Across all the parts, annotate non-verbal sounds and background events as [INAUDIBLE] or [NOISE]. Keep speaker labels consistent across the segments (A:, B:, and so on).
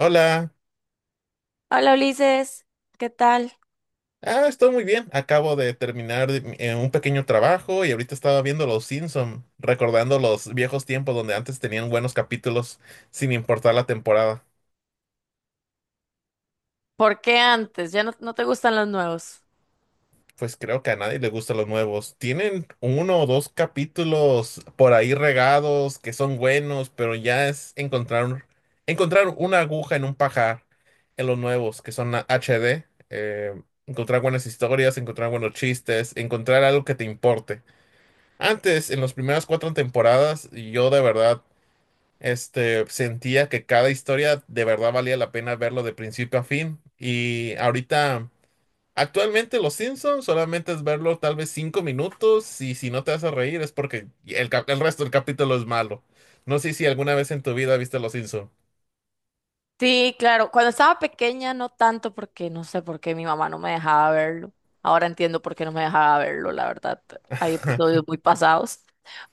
A: Hola.
B: Hola Ulises, ¿qué tal?
A: Estoy muy bien. Acabo de terminar de un pequeño trabajo y ahorita estaba viendo Los Simpson, recordando los viejos tiempos donde antes tenían buenos capítulos sin importar la temporada.
B: ¿Por qué antes? ¿Ya no, no te gustan los nuevos?
A: Pues creo que a nadie le gustan los nuevos. Tienen uno o dos capítulos por ahí regados que son buenos, pero ya es encontrar una aguja en un pajar en los nuevos que son HD. eh, Encontrar buenas historias, encontrar buenos chistes, encontrar algo que te importe. Antes, en las primeras cuatro temporadas, yo de verdad, sentía que cada historia de verdad valía la pena verlo de principio a fin. Y ahorita, actualmente Los Simpsons solamente es verlo tal vez cinco minutos y si no te hace reír es porque el resto del capítulo es malo. No sé si alguna vez en tu vida viste Los Simpsons.
B: Sí, claro, cuando estaba pequeña no tanto porque no sé por qué mi mamá no me dejaba verlo. Ahora entiendo por qué no me dejaba verlo, la verdad. Hay
A: [LAUGHS]
B: episodios muy pasados,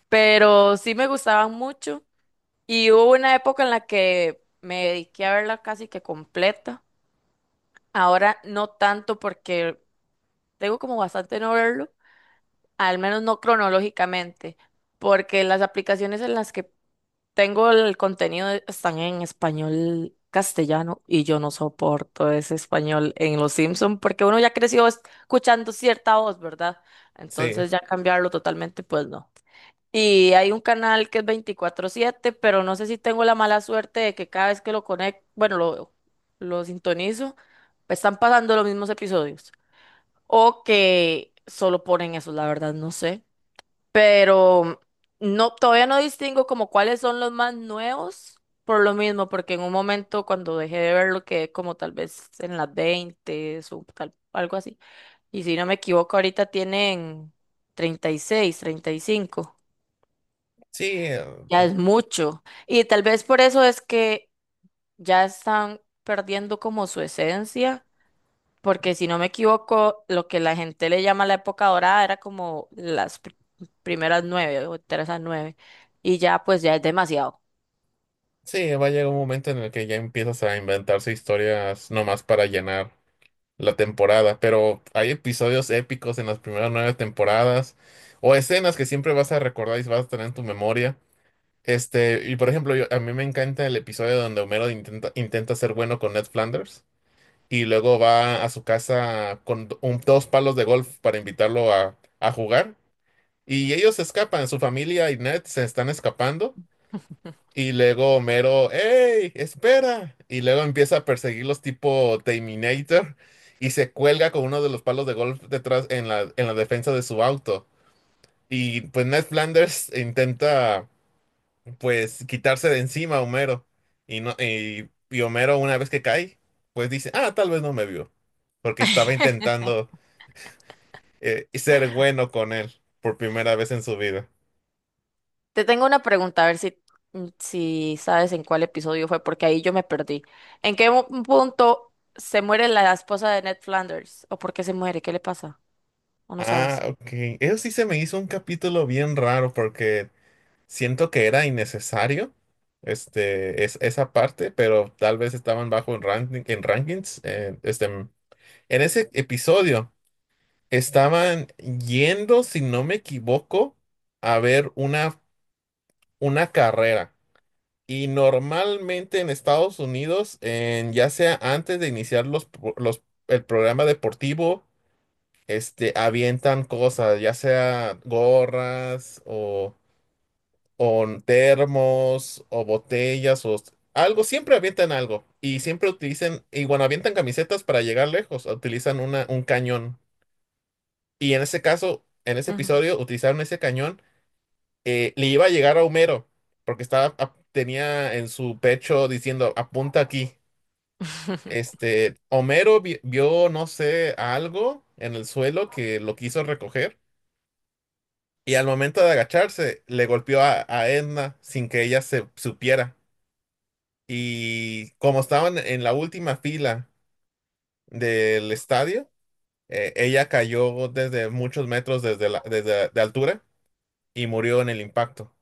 B: pero sí me gustaban mucho y hubo una época en la que me dediqué a verla casi que completa. Ahora no tanto porque tengo como bastante no verlo, al menos no cronológicamente, porque las aplicaciones en las que tengo el contenido, están en español castellano y yo no soporto ese español en Los Simpson porque uno ya creció escuchando cierta voz, ¿verdad?
A: Sí,
B: Entonces ya cambiarlo totalmente, pues no. Y hay un canal que es 24/7, pero no sé si tengo la mala suerte de que cada vez que lo conecto, bueno, lo sintonizo, están pasando los mismos episodios o que solo ponen eso, la verdad, no sé, pero no, todavía no distingo como cuáles son los más nuevos, por lo mismo, porque en un momento cuando dejé de verlo quedé como tal vez en las 20 o tal, algo así. Y si no me equivoco, ahorita tienen 30, 36, 35
A: sí,
B: Ya es mucho. Y tal vez por eso es que ya están perdiendo como su esencia, porque si no me equivoco, lo que la gente le llama la época dorada era como las primeras nueve o terceras nueve. Y ya, pues ya es demasiado.
A: sí, va a llegar un momento en el que ya empiezas a inventarse historias nomás para llenar la temporada, pero hay episodios épicos en las primeras nueve temporadas o escenas que siempre vas a recordar y vas a tener en tu memoria. Y por ejemplo, a mí me encanta el episodio donde Homero intenta ser bueno con Ned Flanders y luego va a su casa con dos palos de golf para invitarlo a jugar. Y ellos se escapan, su familia y Ned se están escapando y luego Homero, hey, ¡espera! Y luego empieza a perseguirlos tipo Terminator y se cuelga con uno de los palos de golf detrás en en la defensa de su auto. Y pues Ned Flanders intenta pues quitarse de encima a Homero. Y, no, y Homero, una vez que cae, pues dice, ah, tal vez no me vio. Porque estaba
B: [LAUGHS]
A: intentando ser bueno con él por primera vez en su vida.
B: Te tengo una pregunta, a ver si, si sabes en cuál episodio fue, porque ahí yo me perdí. ¿En qué punto se muere la esposa de Ned Flanders? ¿O por qué se muere? ¿Qué le pasa? ¿O no
A: Ah,
B: sabes?
A: ok. Eso sí se me hizo un capítulo bien raro porque... Siento que era innecesario esa parte, pero tal vez estaban bajo en rankings. En ese episodio estaban yendo, si no me equivoco, a ver una carrera. Y normalmente en Estados Unidos, en, ya sea antes de iniciar el programa deportivo, avientan cosas, ya sea gorras o termos o botellas o algo, siempre avientan algo y siempre utilizan, y cuando avientan camisetas para llegar lejos, utilizan un cañón. Y en ese caso, en ese
B: Ujú.
A: episodio, utilizaron ese cañón, le iba a llegar a Homero, porque estaba, tenía en su pecho diciendo, apunta aquí.
B: [LAUGHS]
A: Homero vio, no sé, algo en el suelo que lo quiso recoger y al momento de agacharse le golpeó a Edna sin que ella se supiera. Y como estaban en la última fila del estadio, ella cayó desde muchos metros desde de altura y murió en el impacto.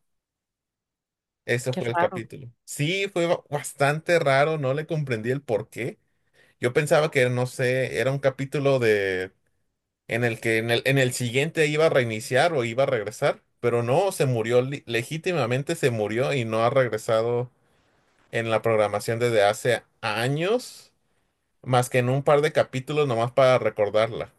A: Ese
B: Qué
A: fue el
B: raro.
A: capítulo. Sí, fue bastante raro, no le comprendí el por qué. Yo pensaba que, no sé, era un capítulo de en el que en el siguiente iba a reiniciar o iba a regresar, pero no, se murió, legítimamente se murió y no ha regresado en la programación desde hace años. Más que en un par de capítulos nomás para recordarla.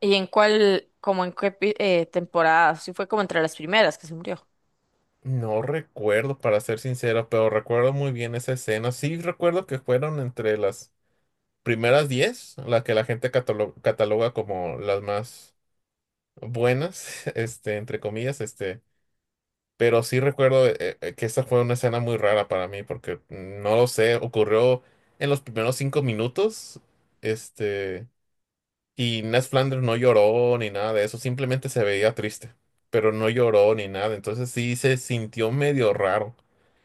B: ¿Y en cuál, como en qué temporada? Si fue como entre las primeras que se murió.
A: No recuerdo, para ser sincero, pero recuerdo muy bien esa escena. Sí recuerdo que fueron entre las primeras 10 las que la gente cataloga como las más buenas, [LAUGHS] este, entre comillas, este. Pero sí recuerdo que esa fue una escena muy rara para mí, porque mm, no lo sé, ocurrió en los primeros cinco minutos, este, y Ned Flanders no lloró ni nada de eso, simplemente se veía triste, pero no lloró ni nada, entonces sí se sintió medio raro.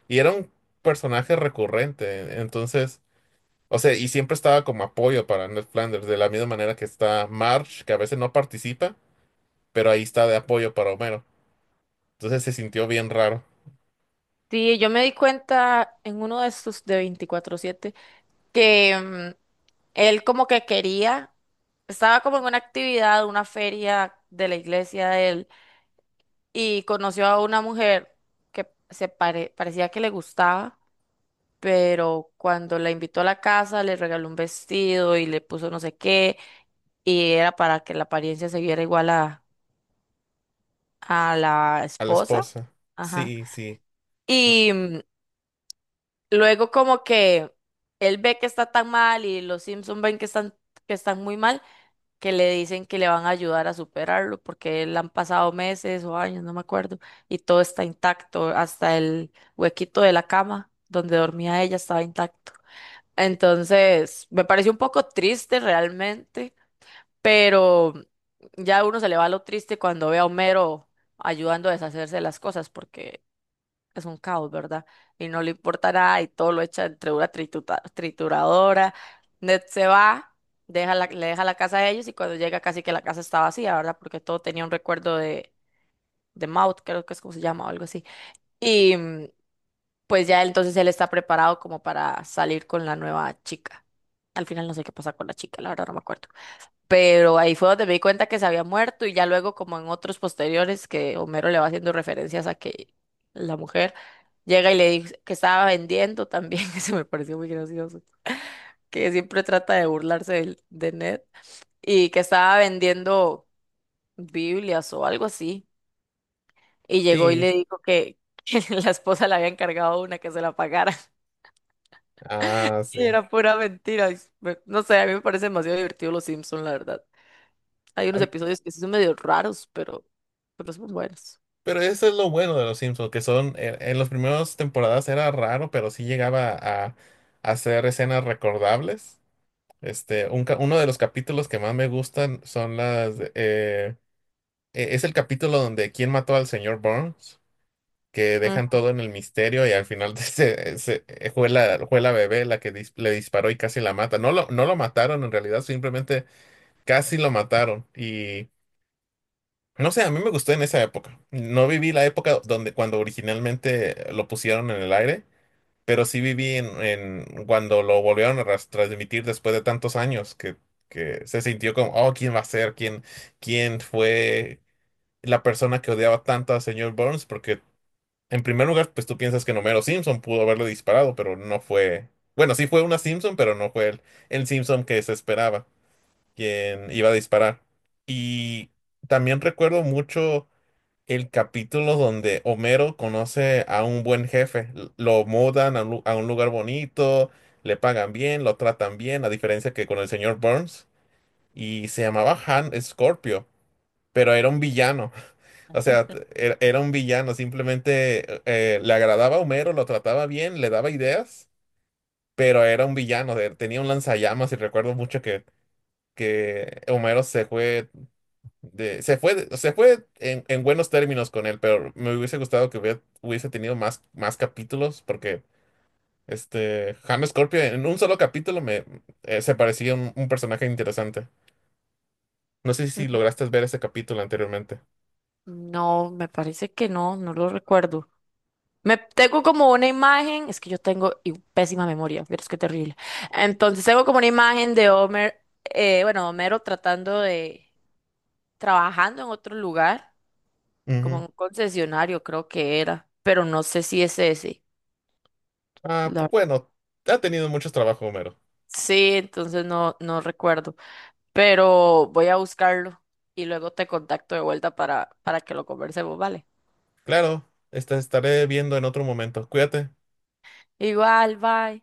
A: Y era un personaje recurrente, entonces, o sea, y siempre estaba como apoyo para Ned Flanders, de la misma manera que está Marge, que a veces no participa, pero ahí está de apoyo para Homero. Entonces se sintió bien raro.
B: Sí, yo me di cuenta en uno de estos de 24/7 que él como que quería, estaba como en una actividad, una feria de la iglesia de él y conoció a una mujer que se parecía que le gustaba, pero cuando la invitó a la casa le regaló un vestido y le puso no sé qué y era para que la apariencia se viera igual a la
A: A la
B: esposa.
A: esposa.
B: Ajá.
A: Sí, sí, no,
B: y mm, Luego como que él ve que está tan mal y los Simpson ven que están, muy mal, que le dicen que le van a ayudar a superarlo porque le han pasado meses o años, no me acuerdo, y todo está intacto, hasta el huequito de la cama donde dormía ella estaba intacto. Entonces, me pareció un poco triste realmente, pero ya uno se le va lo triste cuando ve a Homero ayudando a deshacerse de las cosas porque es un caos, ¿verdad? Y no le importa nada y todo lo echa entre una trituradora. Ned se va, le deja la casa a ellos y cuando llega casi que la casa está vacía, ¿verdad? Porque todo tenía un recuerdo de, Maud, creo que es como se llama o algo así. Y mm, pues ya entonces él está preparado como para salir con la nueva chica. Al final no sé qué pasa con la chica, la verdad no me acuerdo, pero ahí fue donde me di cuenta que se había muerto y ya luego como en otros posteriores que Homero le va haciendo referencias a que la mujer llega y le dice que estaba vendiendo también, [LAUGHS] eso me pareció muy gracioso, que siempre trata de burlarse Ned y que estaba vendiendo Biblias o algo así y llegó y
A: sí,
B: le dijo que, [LAUGHS] que la esposa le había encargado una que se la pagara.
A: ah,
B: [LAUGHS] Y
A: sí.
B: era pura mentira, no sé, a mí me parece demasiado divertido Los Simpson, la verdad. Hay unos
A: Hab-
B: episodios que sí son medio raros, pero son buenos.
A: Pero eso es lo bueno de los Simpsons, que son, en las primeras temporadas era raro, pero sí llegaba a hacer escenas recordables. Uno de los capítulos que más me gustan son es el capítulo donde ¿quién mató al señor Burns? Que
B: Mm.
A: dejan todo en el misterio y al final [LAUGHS] fue fue la bebé la que le disparó y casi la mata. No lo mataron en realidad, simplemente casi lo mataron. No sé, a mí me gustó en esa época. No viví la época donde cuando originalmente lo pusieron en el aire, pero sí viví en cuando lo volvieron a transmitir después de tantos años que se sintió como, oh, ¿quién va a ser? ¿Quién, quién fue la persona que odiaba tanto al señor Burns? Porque en primer lugar, pues tú piensas que Homero Simpson pudo haberle disparado, pero no fue. Bueno, sí fue una Simpson, pero no fue el Simpson que se esperaba, quien iba a disparar. Y también recuerdo mucho el capítulo donde Homero conoce a un buen jefe. Lo mudan a a un lugar bonito, le pagan bien, lo tratan bien, a diferencia que con el señor Burns. Y se llamaba Han Scorpio, pero era un villano. [LAUGHS] O sea, era un villano. Simplemente le agradaba a Homero, lo trataba bien, le daba ideas, pero era un villano. Tenía un lanzallamas y recuerdo mucho que Homero se fue en buenos términos con él, pero me hubiese gustado que hubiese tenido más, más capítulos, porque este James Scorpio en un solo capítulo me se parecía un personaje interesante. No sé si lograste ver ese capítulo anteriormente.
B: No, me parece que no, no lo recuerdo. Me tengo como una imagen, es que yo tengo pésima memoria, pero es que terrible. Entonces tengo como una imagen de Homer, bueno, Homero tratando de, trabajando en otro lugar, como
A: Ujú.
B: en un concesionario creo que era, pero no sé si es ese.
A: Ah, pues
B: la-
A: bueno, ha tenido muchos trabajos, Homero.
B: sí, entonces no, no recuerdo. Pero voy a buscarlo y luego te contacto de vuelta para que lo conversemos, ¿vale?
A: Claro, esta estaré viendo en otro momento. Cuídate.
B: Igual, bye.